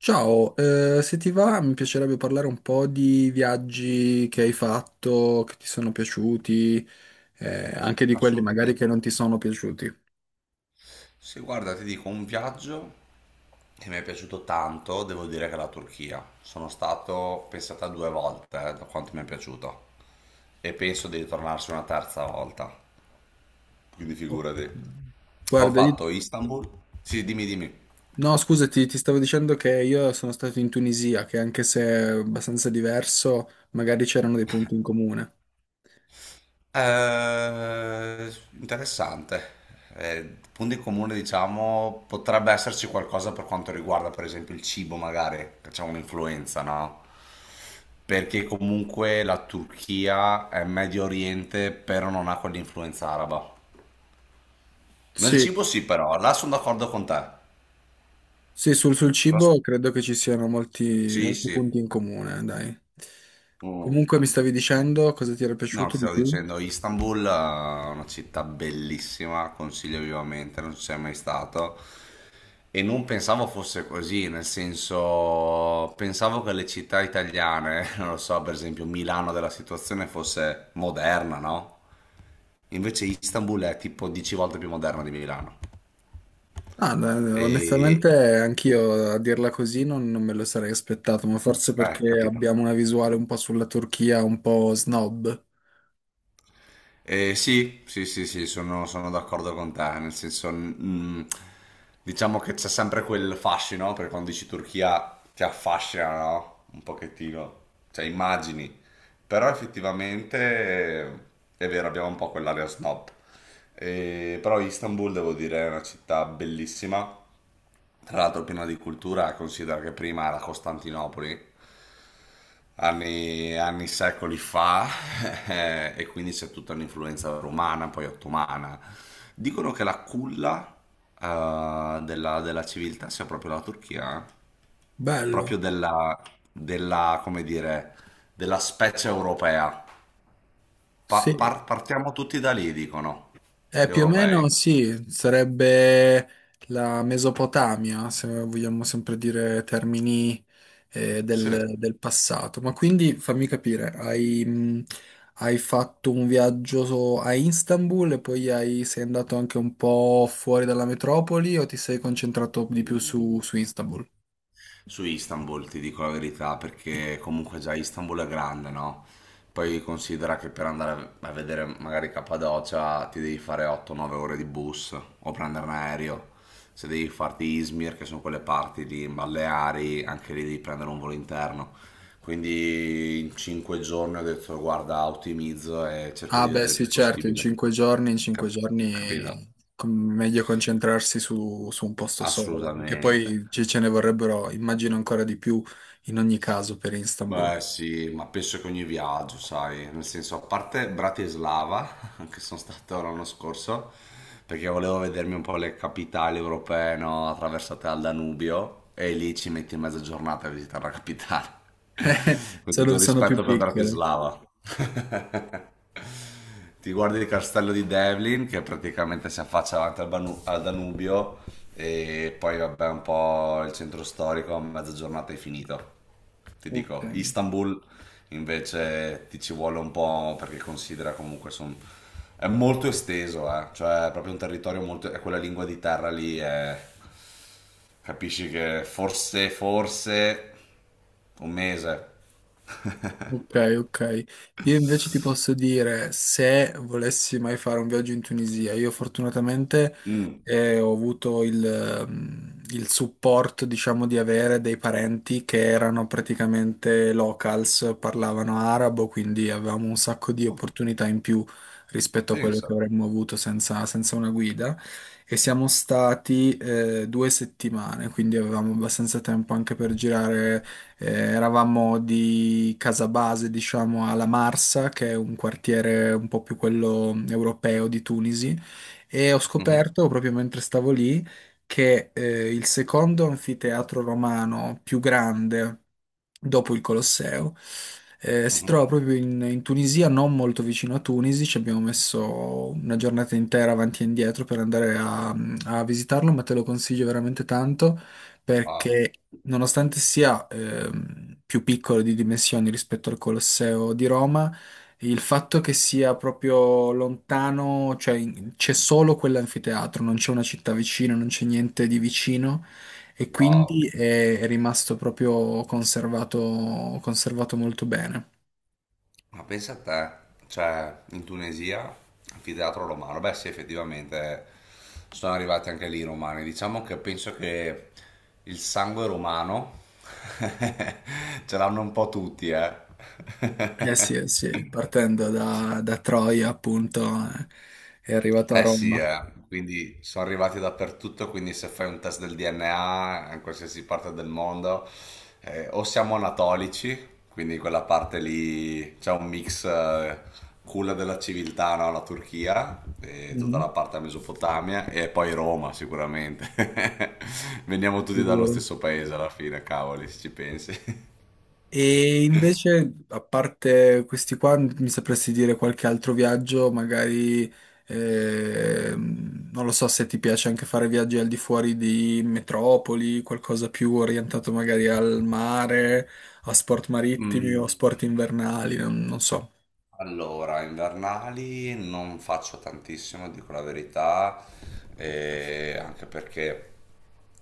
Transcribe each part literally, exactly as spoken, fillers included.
Ciao, eh, se ti va mi piacerebbe parlare un po' di viaggi che hai fatto, che ti sono piaciuti, eh, anche di quelli magari Assolutamente. che non ti sono piaciuti. Se guarda, ti dico un viaggio che mi è piaciuto tanto, devo dire che è la Turchia. Sono stato, pensate, due volte, eh, da quanto mi è piaciuto. E penso di ritornarci una terza volta. Quindi Oh. figurati. Ho Guarda, io- fatto Istanbul. Sì, dimmi, dimmi. no, scusati, ti stavo dicendo che io sono stato in Tunisia, che anche se è abbastanza diverso, magari c'erano dei punti in comune. Eh, Interessante. Eh, Punto in comune, diciamo, potrebbe esserci qualcosa per quanto riguarda, per esempio, il cibo, magari, che c'è un'influenza, no? Perché comunque la Turchia è Medio Oriente, però non ha quell'influenza araba. Nel Sì, cibo sì, però, là sono d'accordo con te. Là sì, sul, sul so- cibo credo che ci siano molti, Sì, molti sì. punti in comune, dai. Mm. Comunque mi stavi dicendo cosa ti era No, ti piaciuto di stavo più? dicendo, Istanbul è una città bellissima, consiglio vivamente, non ci sei mai stato. E non pensavo fosse così, nel senso, pensavo che le città italiane, non lo so, per esempio Milano della situazione fosse moderna, no? Invece Istanbul è tipo dieci volte più moderna di Milano. Ah, no, onestamente E... anch'io a dirla così non, non me lo sarei aspettato, ma forse Eh, perché capito. abbiamo una visuale un po' sulla Turchia, un po' snob. Eh, sì, sì, sì, sì, sono, sono d'accordo con te, nel senso, mm, diciamo che c'è sempre quel fascino, no? Perché quando dici Turchia ti affascina, no? Un pochettino, cioè immagini, però effettivamente eh, è vero, abbiamo un po' quell'area snob. Eh, però Istanbul devo dire è una città bellissima, tra l'altro piena di cultura, considera che prima era Costantinopoli, anni, anni secoli fa, e quindi c'è tutta un'influenza romana, poi ottomana. Dicono che la culla eh, della, della civiltà sia proprio la Turchia, eh? Bello, Proprio della, della, come dire, della specie europea. Pa- sì. Par- partiamo tutti da lì, dicono Eh, gli più o meno europei. sì, sarebbe la Mesopotamia, se vogliamo sempre dire termini eh, Sì. del, del passato. Ma quindi fammi capire, hai, mh, hai fatto un viaggio so- a Istanbul e poi hai- sei andato anche un po' fuori dalla metropoli o ti sei concentrato di più su, su Istanbul? Su Istanbul, ti dico la verità, perché comunque già Istanbul è grande, no? Poi considera che per andare a vedere magari Cappadocia ti devi fare otto o nove ore di bus o prendere un aereo. Se devi farti Izmir, che sono quelle parti lì in Baleari, anche lì devi prendere un volo interno. Quindi in cinque giorni ho detto guarda, ottimizzo e cerco Ah, di beh, vedere il sì, più certo, in possibile. cinque giorni, in cinque Cap- Capito? giorni com- meglio concentrarsi su, su un posto solo, che Assolutamente. poi ci- ce ne vorrebbero, immagino, ancora di più in ogni caso per Istanbul. Beh sì, ma penso che ogni viaggio, sai, nel senso, a parte Bratislava, che sono stato l'anno scorso, perché volevo vedermi un po' le capitali europee, no, attraversate dal Danubio, e lì ci metti mezza giornata a visitare la capitale. Con tutto Sono, il sono più rispetto per piccole. Bratislava. Ti guardi il castello di Devlin che praticamente si affaccia davanti al, Banu- al Danubio, e poi vabbè un po' il centro storico, a mezza giornata è finito. Ti Ok. dico, Istanbul invece ti ci vuole un po' perché considera comunque son- è molto esteso, eh, cioè è proprio un territorio molto... è quella lingua di terra lì, è- capisci che forse, forse un mese. Ok, ok. Io invece ti posso dire, se volessi mai fare un viaggio in Tunisia, io fortunatamente Mm, eh, ho avuto il, ehm, il supporto, diciamo, di avere dei parenti che erano praticamente locals, parlavano arabo, quindi avevamo un sacco di opportunità in più rispetto a quello che pensa. avremmo avuto senza, senza una guida. E siamo stati eh, due settimane, quindi avevamo abbastanza tempo anche per girare eh, eravamo di Casabase, diciamo, alla Marsa, che è un quartiere un po' più quello europeo di Tunisi, e ho Mhm, scoperto proprio mentre stavo lì che eh, il secondo anfiteatro romano più grande dopo il Colosseo. Eh, si mhm. trova proprio in, in Tunisia, non molto vicino a Tunisi, ci abbiamo messo una giornata intera avanti e indietro per andare a, a visitarlo, ma te lo consiglio veramente tanto Ah, perché nonostante sia ehm, più piccolo di dimensioni rispetto al Colosseo di Roma, il fatto che sia proprio lontano, cioè in- c'è solo quell'anfiteatro, non c'è una città vicina, non c'è niente di vicino e wow. quindi è, è rimasto proprio conservato, conservato molto bene. Ma pensa a te, cioè in Tunisia, anfiteatro romano, beh sì effettivamente sono arrivati anche lì i romani, diciamo che penso che il sangue romano ce l'hanno un po' tutti, eh. Eh sì, eh sì, partendo da, da Troia appunto, eh, è arrivato a Eh sì, Roma. eh, quindi sono arrivati dappertutto, quindi se fai un test del D N A in qualsiasi parte del mondo, eh, o siamo anatolici, quindi quella parte lì c'è un mix eh, culla della civiltà, no? La Turchia, e tutta Mhm, la parte della Mesopotamia, e poi Roma sicuramente. Veniamo tutti dallo figurati. stesso paese alla fine, cavoli, se ci pensi. E invece, a parte questi qua, mi sapresti dire qualche altro viaggio? Magari, ehm, non lo so se ti piace anche fare viaggi al di fuori di metropoli, qualcosa più orientato magari al mare, a sport marittimi o Mm. sport invernali, non, non so. Allora, invernali non faccio tantissimo, dico la verità, eh, anche perché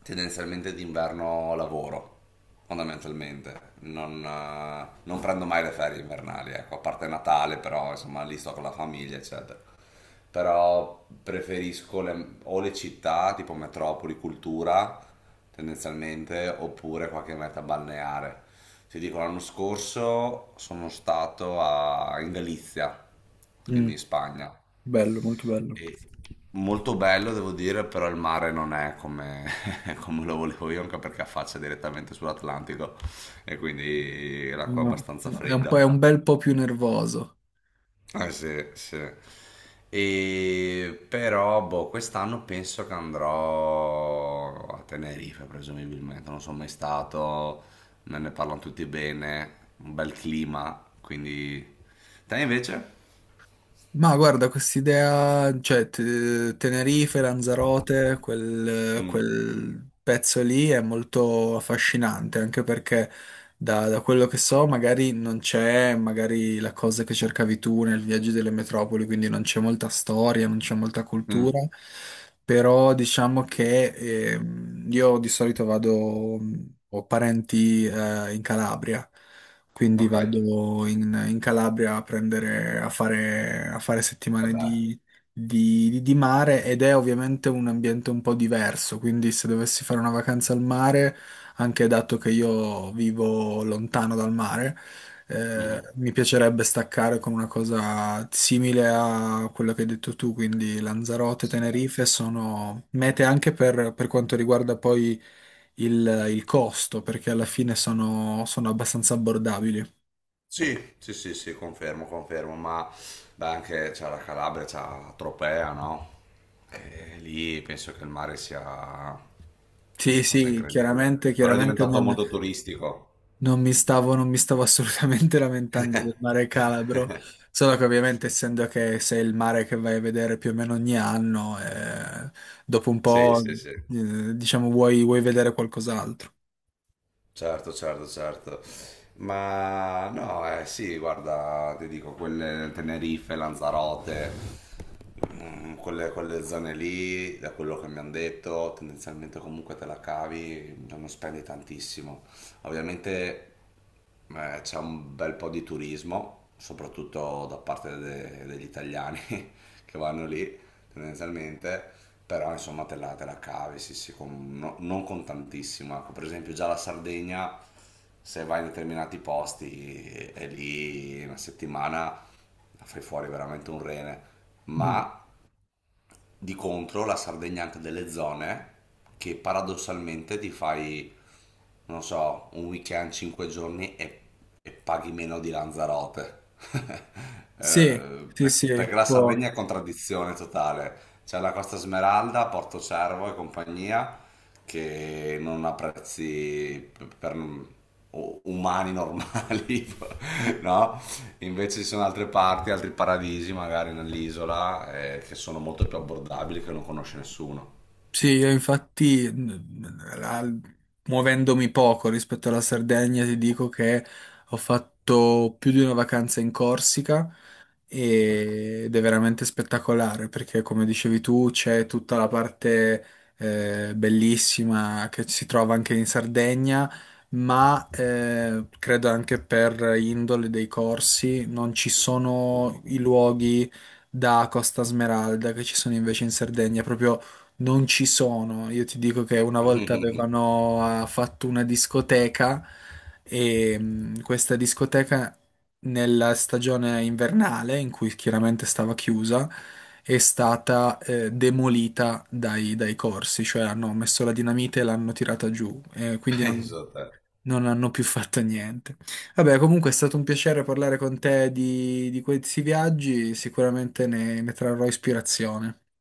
tendenzialmente d'inverno lavoro, fondamentalmente. Non, eh, non prendo mai le ferie invernali, ecco, a parte Natale, però insomma lì sto con la famiglia, eccetera. Però preferisco le- o le città, tipo metropoli, cultura, tendenzialmente, oppure qualche meta balneare. Ti dico, l'anno scorso sono stato a- in Galizia, Mm, quindi in Spagna. bello, molto bello. E molto bello, devo dire, però il mare non è come, come lo volevo io, anche perché affaccia direttamente sull'Atlantico e quindi l'acqua è No, abbastanza no, è un po', è fredda. un bel po' più nervoso. Eh, sì, sì. E però, boh, quest'anno penso che andrò a Tenerife, presumibilmente. Non sono mai stato, me ne parlano tutti bene, un bel clima, quindi... Te invece? Ma guarda, quest'idea, cioè te- Tenerife, Lanzarote, quel, Mm, quel pezzo lì è molto affascinante, anche perché da, da quello che so magari non c'è magari la cosa che cercavi tu nel viaggio delle metropoli, quindi non c'è molta storia, non c'è molta mm, cultura, però diciamo che ehm, io di solito vado, ho parenti eh, in Calabria. Quindi ok, vado in, in Calabria a prendere, a fare, a fare settimane vabbè. di, di- di- di mare ed è ovviamente un ambiente un po' diverso. Quindi se dovessi fare una vacanza al mare, anche dato che io vivo lontano dal mare, eh, Mhm. mi piacerebbe staccare con una cosa simile a quello che hai detto tu. Quindi Lanzarote, Tenerife sono mete anche per per quanto riguarda poi il, il costo, perché alla fine sono, sono abbastanza abbordabili. Sì, sì, sì, sì, confermo, confermo, ma beh, anche c'è la Calabria, c'è la Tropea, no? E lì penso che il mare sia Sì, una cosa sì, incredibile, chiaramente, però è chiaramente diventato non, molto turistico. non mi stavo, non mi stavo assolutamente lamentando del mare Calabro, solo che ovviamente essendo che sei il mare che vai a vedere più o meno ogni anno, eh, dopo un Sì, po', sì, sì, eh, diciamo, vuoi, vuoi vedere qualcos'altro. certo, certo, certo. Ma no, eh, sì, guarda, ti dico, quelle Tenerife, Lanzarote, mm, quelle, quelle zone lì, da quello che mi hanno detto, tendenzialmente comunque te la cavi, non spendi tantissimo. Ovviamente eh, c'è un bel po' di turismo, soprattutto da parte de- degli italiani che vanno lì, tendenzialmente, però insomma te la, te la cavi, sì, sì, con- no- non con tantissimo. Ecco, per esempio già la Sardegna, se vai in determinati posti, è lì una settimana la fai fuori veramente un rene, Mm. ma di contro la Sardegna ha anche delle zone che paradossalmente ti fai, non so, un weekend, cinque giorni e, e paghi meno di Lanzarote. Sì, Eh, sì, per- sì, perché la può. Sardegna è contraddizione totale. C'è la Costa Smeralda, Porto Cervo e compagnia, che non ha prezzi p- per u- umani normali, no? Invece ci sono altre parti, altri paradisi magari nell'isola eh, che sono molto più abbordabili che non conosce nessuno. Sì, io infatti, mh, la- muovendomi poco rispetto alla Sardegna, ti dico che ho fatto più di una vacanza in Corsica e- ed è veramente spettacolare perché, come dicevi tu, c'è tutta la parte eh, bellissima che si trova anche in Sardegna, ma eh, credo anche per indole dei corsi non ci sono i luoghi da Costa Smeralda che ci sono invece in Sardegna, proprio non ci sono, io ti dico che una volta avevano eh, fatto una discoteca e mh, questa discoteca nella stagione invernale, in cui chiaramente stava chiusa, è stata eh, demolita dai, dai corsi, cioè hanno messo la dinamite e l'hanno tirata giù, eh, quindi non, Penso a te. non hanno più fatto niente. Vabbè, comunque è stato un piacere parlare con te di, di questi viaggi, sicuramente ne ne trarrò ispirazione.